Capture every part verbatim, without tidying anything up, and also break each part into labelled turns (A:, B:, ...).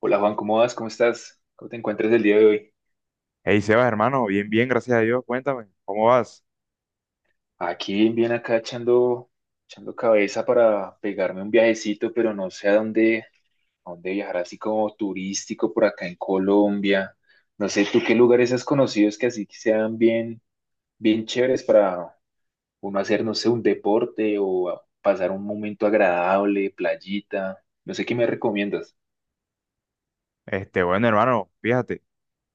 A: Hola Juan, ¿cómo vas? ¿Cómo estás? ¿Cómo te encuentras el día de hoy?
B: Hey Sebas, hermano, bien, bien, gracias a Dios. Cuéntame, ¿cómo vas?
A: Aquí bien acá echando, echando cabeza para pegarme un viajecito, pero no sé a dónde, a dónde viajar así como turístico por acá en Colombia. No sé, ¿tú qué lugares has conocido que así sean bien, bien chéveres para uno hacer, no sé, un deporte o a- pasar un momento agradable, playita? No sé qué me recomiendas.
B: Este, bueno, hermano, fíjate,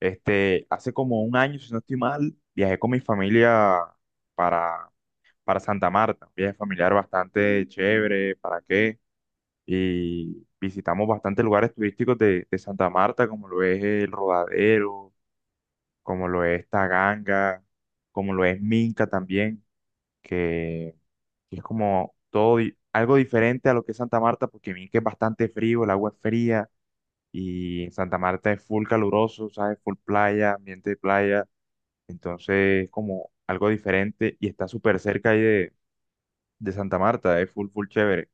B: este, hace como un año, si no estoy mal, viajé con mi familia para, para Santa Marta, un viaje familiar bastante chévere, ¿para qué? Y visitamos bastantes lugares turísticos de, de Santa Marta, como lo es el Rodadero, como lo es Taganga, como lo es Minca también, que que es como todo di- algo diferente a lo que es Santa Marta, porque Minca es bastante frío, el agua es fría. Y en Santa Marta es full caluroso, ¿sabes? Full playa, ambiente de playa. Entonces es como algo diferente y está súper cerca ahí de, de Santa Marta, es full, full chévere.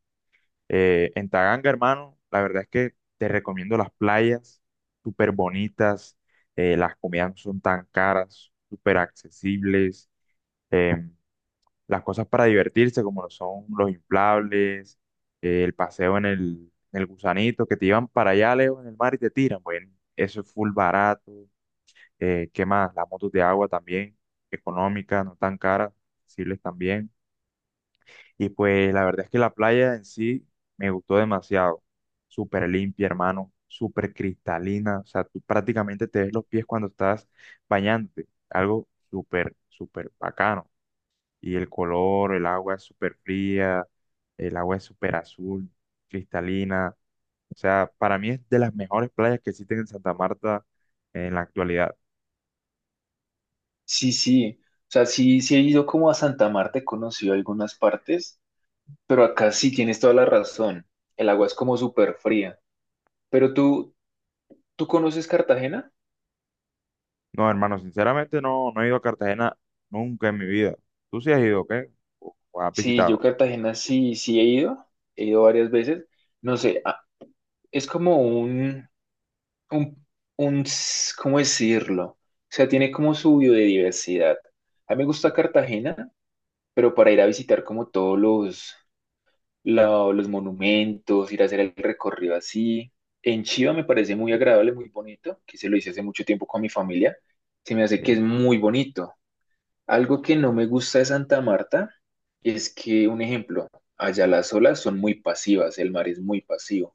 B: Eh, en Taganga, hermano, la verdad es que te recomiendo las playas, súper bonitas, eh, las comidas no son tan caras, súper accesibles. em, las cosas para divertirse, como lo son los inflables, eh, el paseo en el, en el gusanito, que te llevan para allá lejos en el mar y te tiran. Bueno, eso es full barato. Eh, ¿qué más? Las motos de agua también, económicas, no tan caras, accesibles también. Y pues la verdad es que la playa en sí me gustó demasiado. Súper limpia, hermano, súper cristalina. O sea, tú prácticamente te ves los pies cuando estás bañándote. Algo súper, súper bacano, y el color, el agua es súper fría, el agua es súper azul, cristalina. O sea, para mí es de las mejores playas que existen en Santa Marta en la actualidad.
A: Sí, sí. O sea, sí, sí he ido como a Santa Marta, he conocido algunas partes. Pero acá sí tienes toda la razón. El agua es como súper fría. Pero tú, ¿tú conoces Cartagena?
B: No, hermano, sinceramente no, no he ido a Cartagena nunca en mi vida. ¿Tú sí has ido, qué? ¿O, o has
A: Sí, yo
B: visitado?
A: Cartagena sí, sí he ido. He ido varias veces. No sé, a- es como un, un, un, s- ¿cómo decirlo? O sea, tiene como su biodiversidad. A mí me gusta Cartagena, pero para ir a visitar como todos los, la- los monumentos, ir a hacer el recorrido así. En Chiva me parece muy agradable, muy bonito, que se lo hice hace mucho tiempo con mi familia. Se me hace que es
B: Sí,
A: muy bonito. Algo que no me gusta de Santa Marta es que, un ejemplo, allá las olas son muy pasivas, el mar es muy pasivo.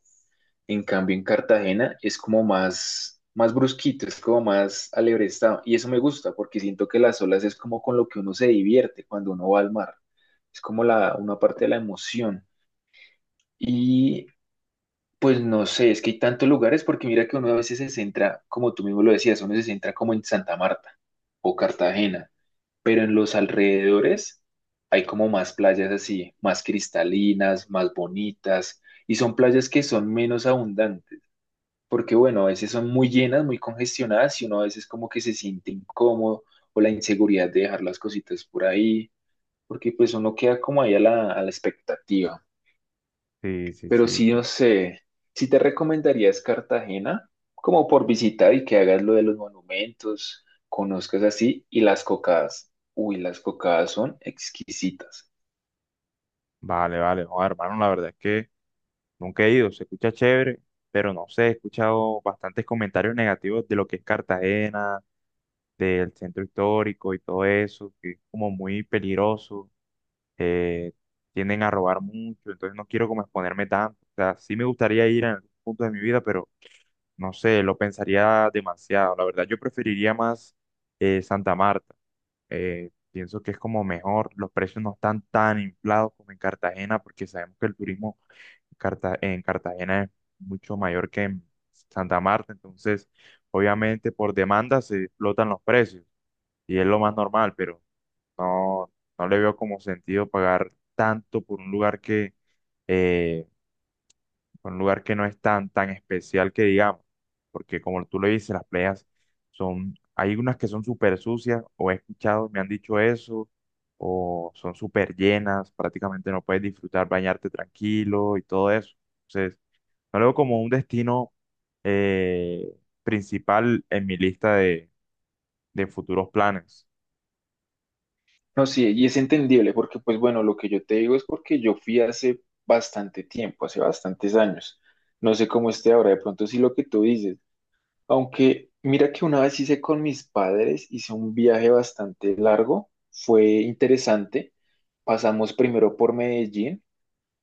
A: En cambio, en Cartagena es como más, más brusquito, es como más alebrestado. Y eso me gusta porque siento que las olas es como con lo que uno se divierte cuando uno va al mar. Es como la, una parte de la emoción. Y pues no sé, es que hay tantos lugares porque mira que uno a veces se centra, como tú mismo lo decías, uno se centra como en Santa Marta o Cartagena, pero en los alrededores hay como más playas así, más cristalinas, más bonitas, y son playas que son menos abundantes, porque bueno, a veces son muy llenas, muy congestionadas y uno a veces como que se siente incómodo o la inseguridad de dejar las cositas por ahí, porque pues uno queda como ahí a la, a la expectativa.
B: sí, sí,
A: Pero
B: sí,
A: sí, no
B: claro.
A: sé, si te recomendarías Cartagena, como por visitar y que hagas lo de los monumentos, conozcas así, y las cocadas. Uy, las cocadas son exquisitas.
B: Vale, vale. No, hermano, la verdad es que nunca he ido. Se escucha chévere, pero no sé, he escuchado bastantes comentarios negativos de lo que es Cartagena, del centro histórico y todo eso, que es como muy peligroso. eh, Tienden a robar mucho, entonces no quiero como exponerme tanto. O sea, sí me gustaría ir en algún punto de mi vida, pero no sé, lo pensaría demasiado. La verdad, yo preferiría más, eh, Santa Marta. Eh, pienso que es como mejor, los precios no están tan inflados como en Cartagena, porque sabemos que el turismo Carta- en Cartagena es mucho mayor que en Santa Marta, entonces obviamente por demanda se explotan los precios y es lo más normal, pero no, no le veo como sentido pagar tanto por un lugar que, eh, por un lugar que no es tan, tan especial que digamos, porque como tú lo dices, las playas son, hay unas que son súper sucias, o he escuchado, me han dicho eso, o son súper llenas, prácticamente no puedes disfrutar, bañarte tranquilo y todo eso. Entonces, no lo veo como un destino, eh, principal en mi lista de, de futuros planes.
A: No sí y es entendible porque, pues bueno, lo que yo te digo es porque yo fui hace bastante tiempo, hace bastantes años. No sé cómo esté ahora, de pronto sí lo que tú dices. Aunque mira que una vez hice con mis padres, hice un viaje bastante largo, fue interesante. Pasamos primero por Medellín.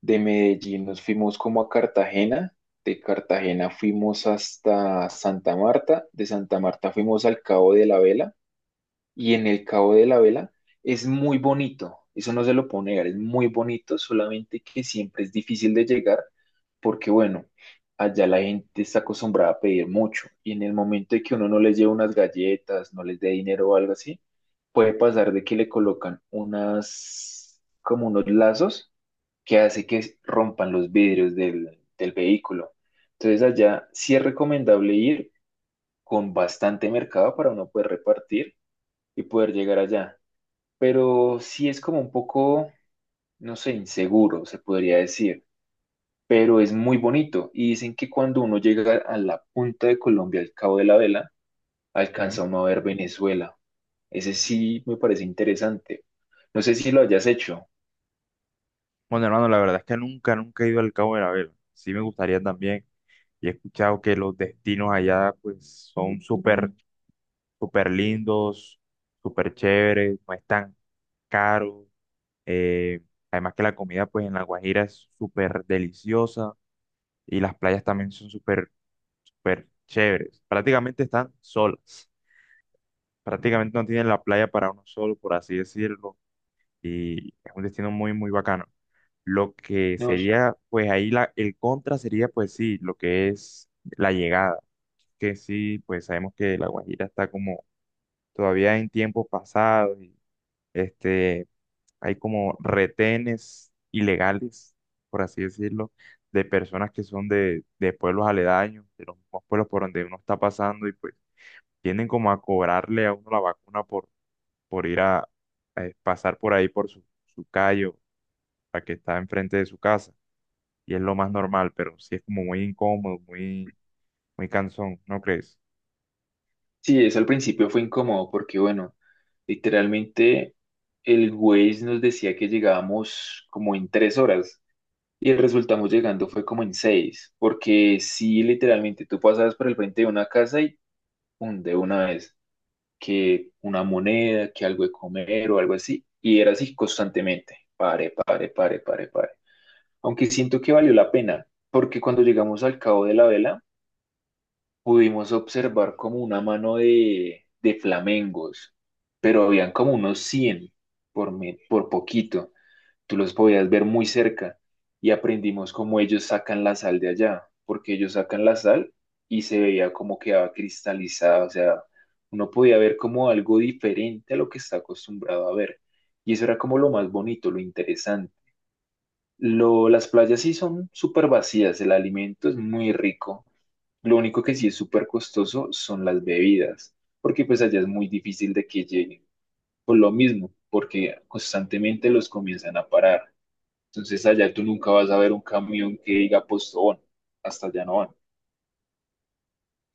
A: De Medellín nos fuimos como a Cartagena, de Cartagena fuimos hasta Santa Marta, de Santa Marta fuimos al Cabo de la Vela y en el Cabo de la Vela es muy bonito, eso no se lo puedo negar, es muy bonito, solamente que siempre es difícil de llegar porque bueno, allá la gente está acostumbrada a pedir mucho y en el momento de que uno no les lleve unas galletas, no les dé dinero o algo así, puede pasar de que le colocan unas como unos lazos que hace que rompan los vidrios del, del vehículo. Entonces allá sí es recomendable ir con bastante mercado para uno poder repartir y poder llegar allá. Pero sí es como un poco, no sé, inseguro, se podría decir. Pero es muy bonito. Y dicen que cuando uno llega a la punta de Colombia, al Cabo de la Vela,
B: ¿Sí?
A: alcanza uno a ver Venezuela. Ese sí me parece interesante. No sé si lo hayas hecho.
B: Bueno, hermano, la verdad es que nunca, nunca he ido al Cabo de la Vela. Sí me gustaría también. Y he escuchado que los destinos allá, pues, son súper, súper lindos, súper chéveres, no es tan caro. Eh, Además que la comida, pues, en La Guajira es súper deliciosa y las playas también son súper, súper chéveres. Prácticamente están solas. Prácticamente no tienen la playa para uno solo, por así decirlo. Y es un destino muy, muy bacano. Lo que
A: No.
B: sería, pues ahí la, el contra sería, pues sí, lo que es la llegada, que sí, pues sabemos que La Guajira está como todavía en tiempos pasados, y, este, hay como retenes ilegales, por así decirlo, de personas que son de, de pueblos aledaños, de los mismos pueblos por donde uno está pasando y pues tienden como a cobrarle a uno la vacuna por, por ir a, a pasar por ahí por su, su callo, la que está enfrente de su casa. Y es lo más normal, pero sí es como muy incómodo, muy, muy cansón, ¿no crees?
A: Sí, eso al principio fue incómodo porque, bueno, literalmente el Waze nos decía que llegábamos como en tres horas y resultamos llegando fue como en seis, porque sí, literalmente tú pasabas por el frente de una casa y pum, de una vez, que una moneda, que algo de comer o algo así, y era así constantemente, pare, pare, pare, pare, pare. Aunque siento que valió la pena, porque cuando llegamos al Cabo de la Vela, pudimos observar como una mano de, de flamengos, pero habían como unos cien por, me- por poquito. Tú los podías ver muy cerca y aprendimos cómo ellos sacan la sal de allá, porque ellos sacan la sal y se veía como quedaba cristalizada, o sea, uno podía ver como algo diferente a lo que está acostumbrado a ver. Y eso era como lo más bonito, lo interesante. Lo, las playas sí son súper vacías, el alimento es muy rico. Lo único que sí es súper costoso son las bebidas, porque pues allá es muy difícil de que lleguen. Por lo mismo, porque constantemente los comienzan a parar. Entonces allá tú nunca vas a ver un camión que diga Postobón, hasta allá no van.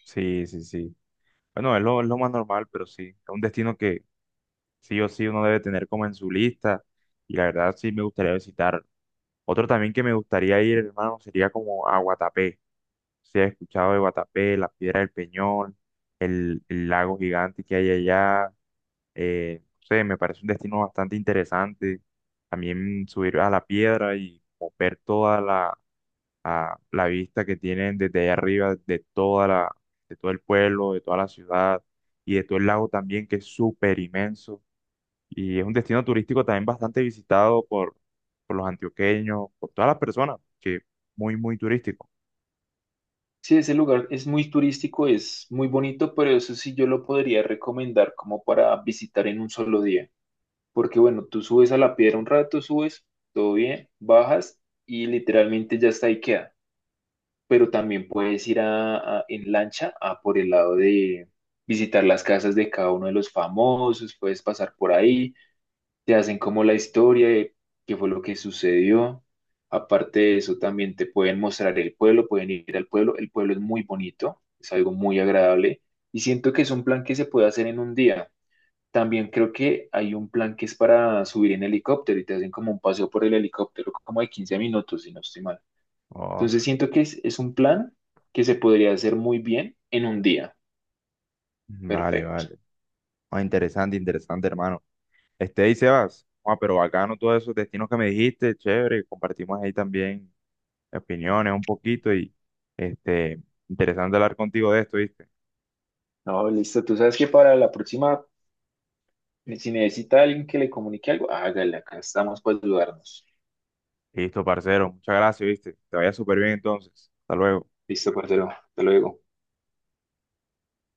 B: Sí, sí, sí. Bueno, es lo, es lo más normal, pero sí. Es un destino que sí o sí uno debe tener como en su lista. Y la verdad sí me gustaría visitar. Otro también que me gustaría ir, hermano, sería como a Guatapé. Si has escuchado de Guatapé, la Piedra del Peñón, el, el lago gigante que hay allá. Eh, no sé, me parece un destino bastante interesante. También subir a la piedra y como ver toda la, a- la vista que tienen desde allá arriba de toda la, de todo el pueblo, de toda la ciudad y de todo el lago también, que es súper inmenso. Y es un destino turístico también bastante visitado por, por los antioqueños, por todas las personas, que es muy, muy turístico.
A: Sí, ese lugar es muy turístico, es muy bonito, pero eso sí yo lo podría recomendar como para visitar en un solo día. Porque bueno, tú subes a la piedra un rato, subes, todo bien, bajas y literalmente ya está ahí queda. Pero también puedes ir a, a- en lancha a por el lado de visitar las casas de cada uno de los famosos, puedes pasar por ahí, te hacen como la historia de qué fue lo que sucedió. Aparte de eso, también te pueden mostrar el pueblo, pueden ir al pueblo. El pueblo es muy bonito, es algo muy agradable y siento que es un plan que se puede hacer en un día. También creo que hay un plan que es para subir en helicóptero y te hacen como un paseo por el helicóptero como de quince minutos, si no estoy mal. Entonces
B: Uf,
A: siento que es, es un plan que se podría hacer muy bien en un día.
B: vale,
A: Perfecto.
B: vale. Ah, interesante, interesante, hermano. Este, ahí Sebas, ah, pero bacano todos esos destinos que me dijiste, chévere, compartimos ahí también opiniones un poquito y este, interesante hablar contigo de esto, ¿viste?
A: No, listo. Tú sabes que para la próxima, eh, si necesita alguien que le comunique algo, hágale, acá estamos para ayudarnos.
B: Listo, parcero, muchas gracias, ¿viste? Te vaya súper bien entonces, hasta luego.
A: Listo, parcero. Hasta luego.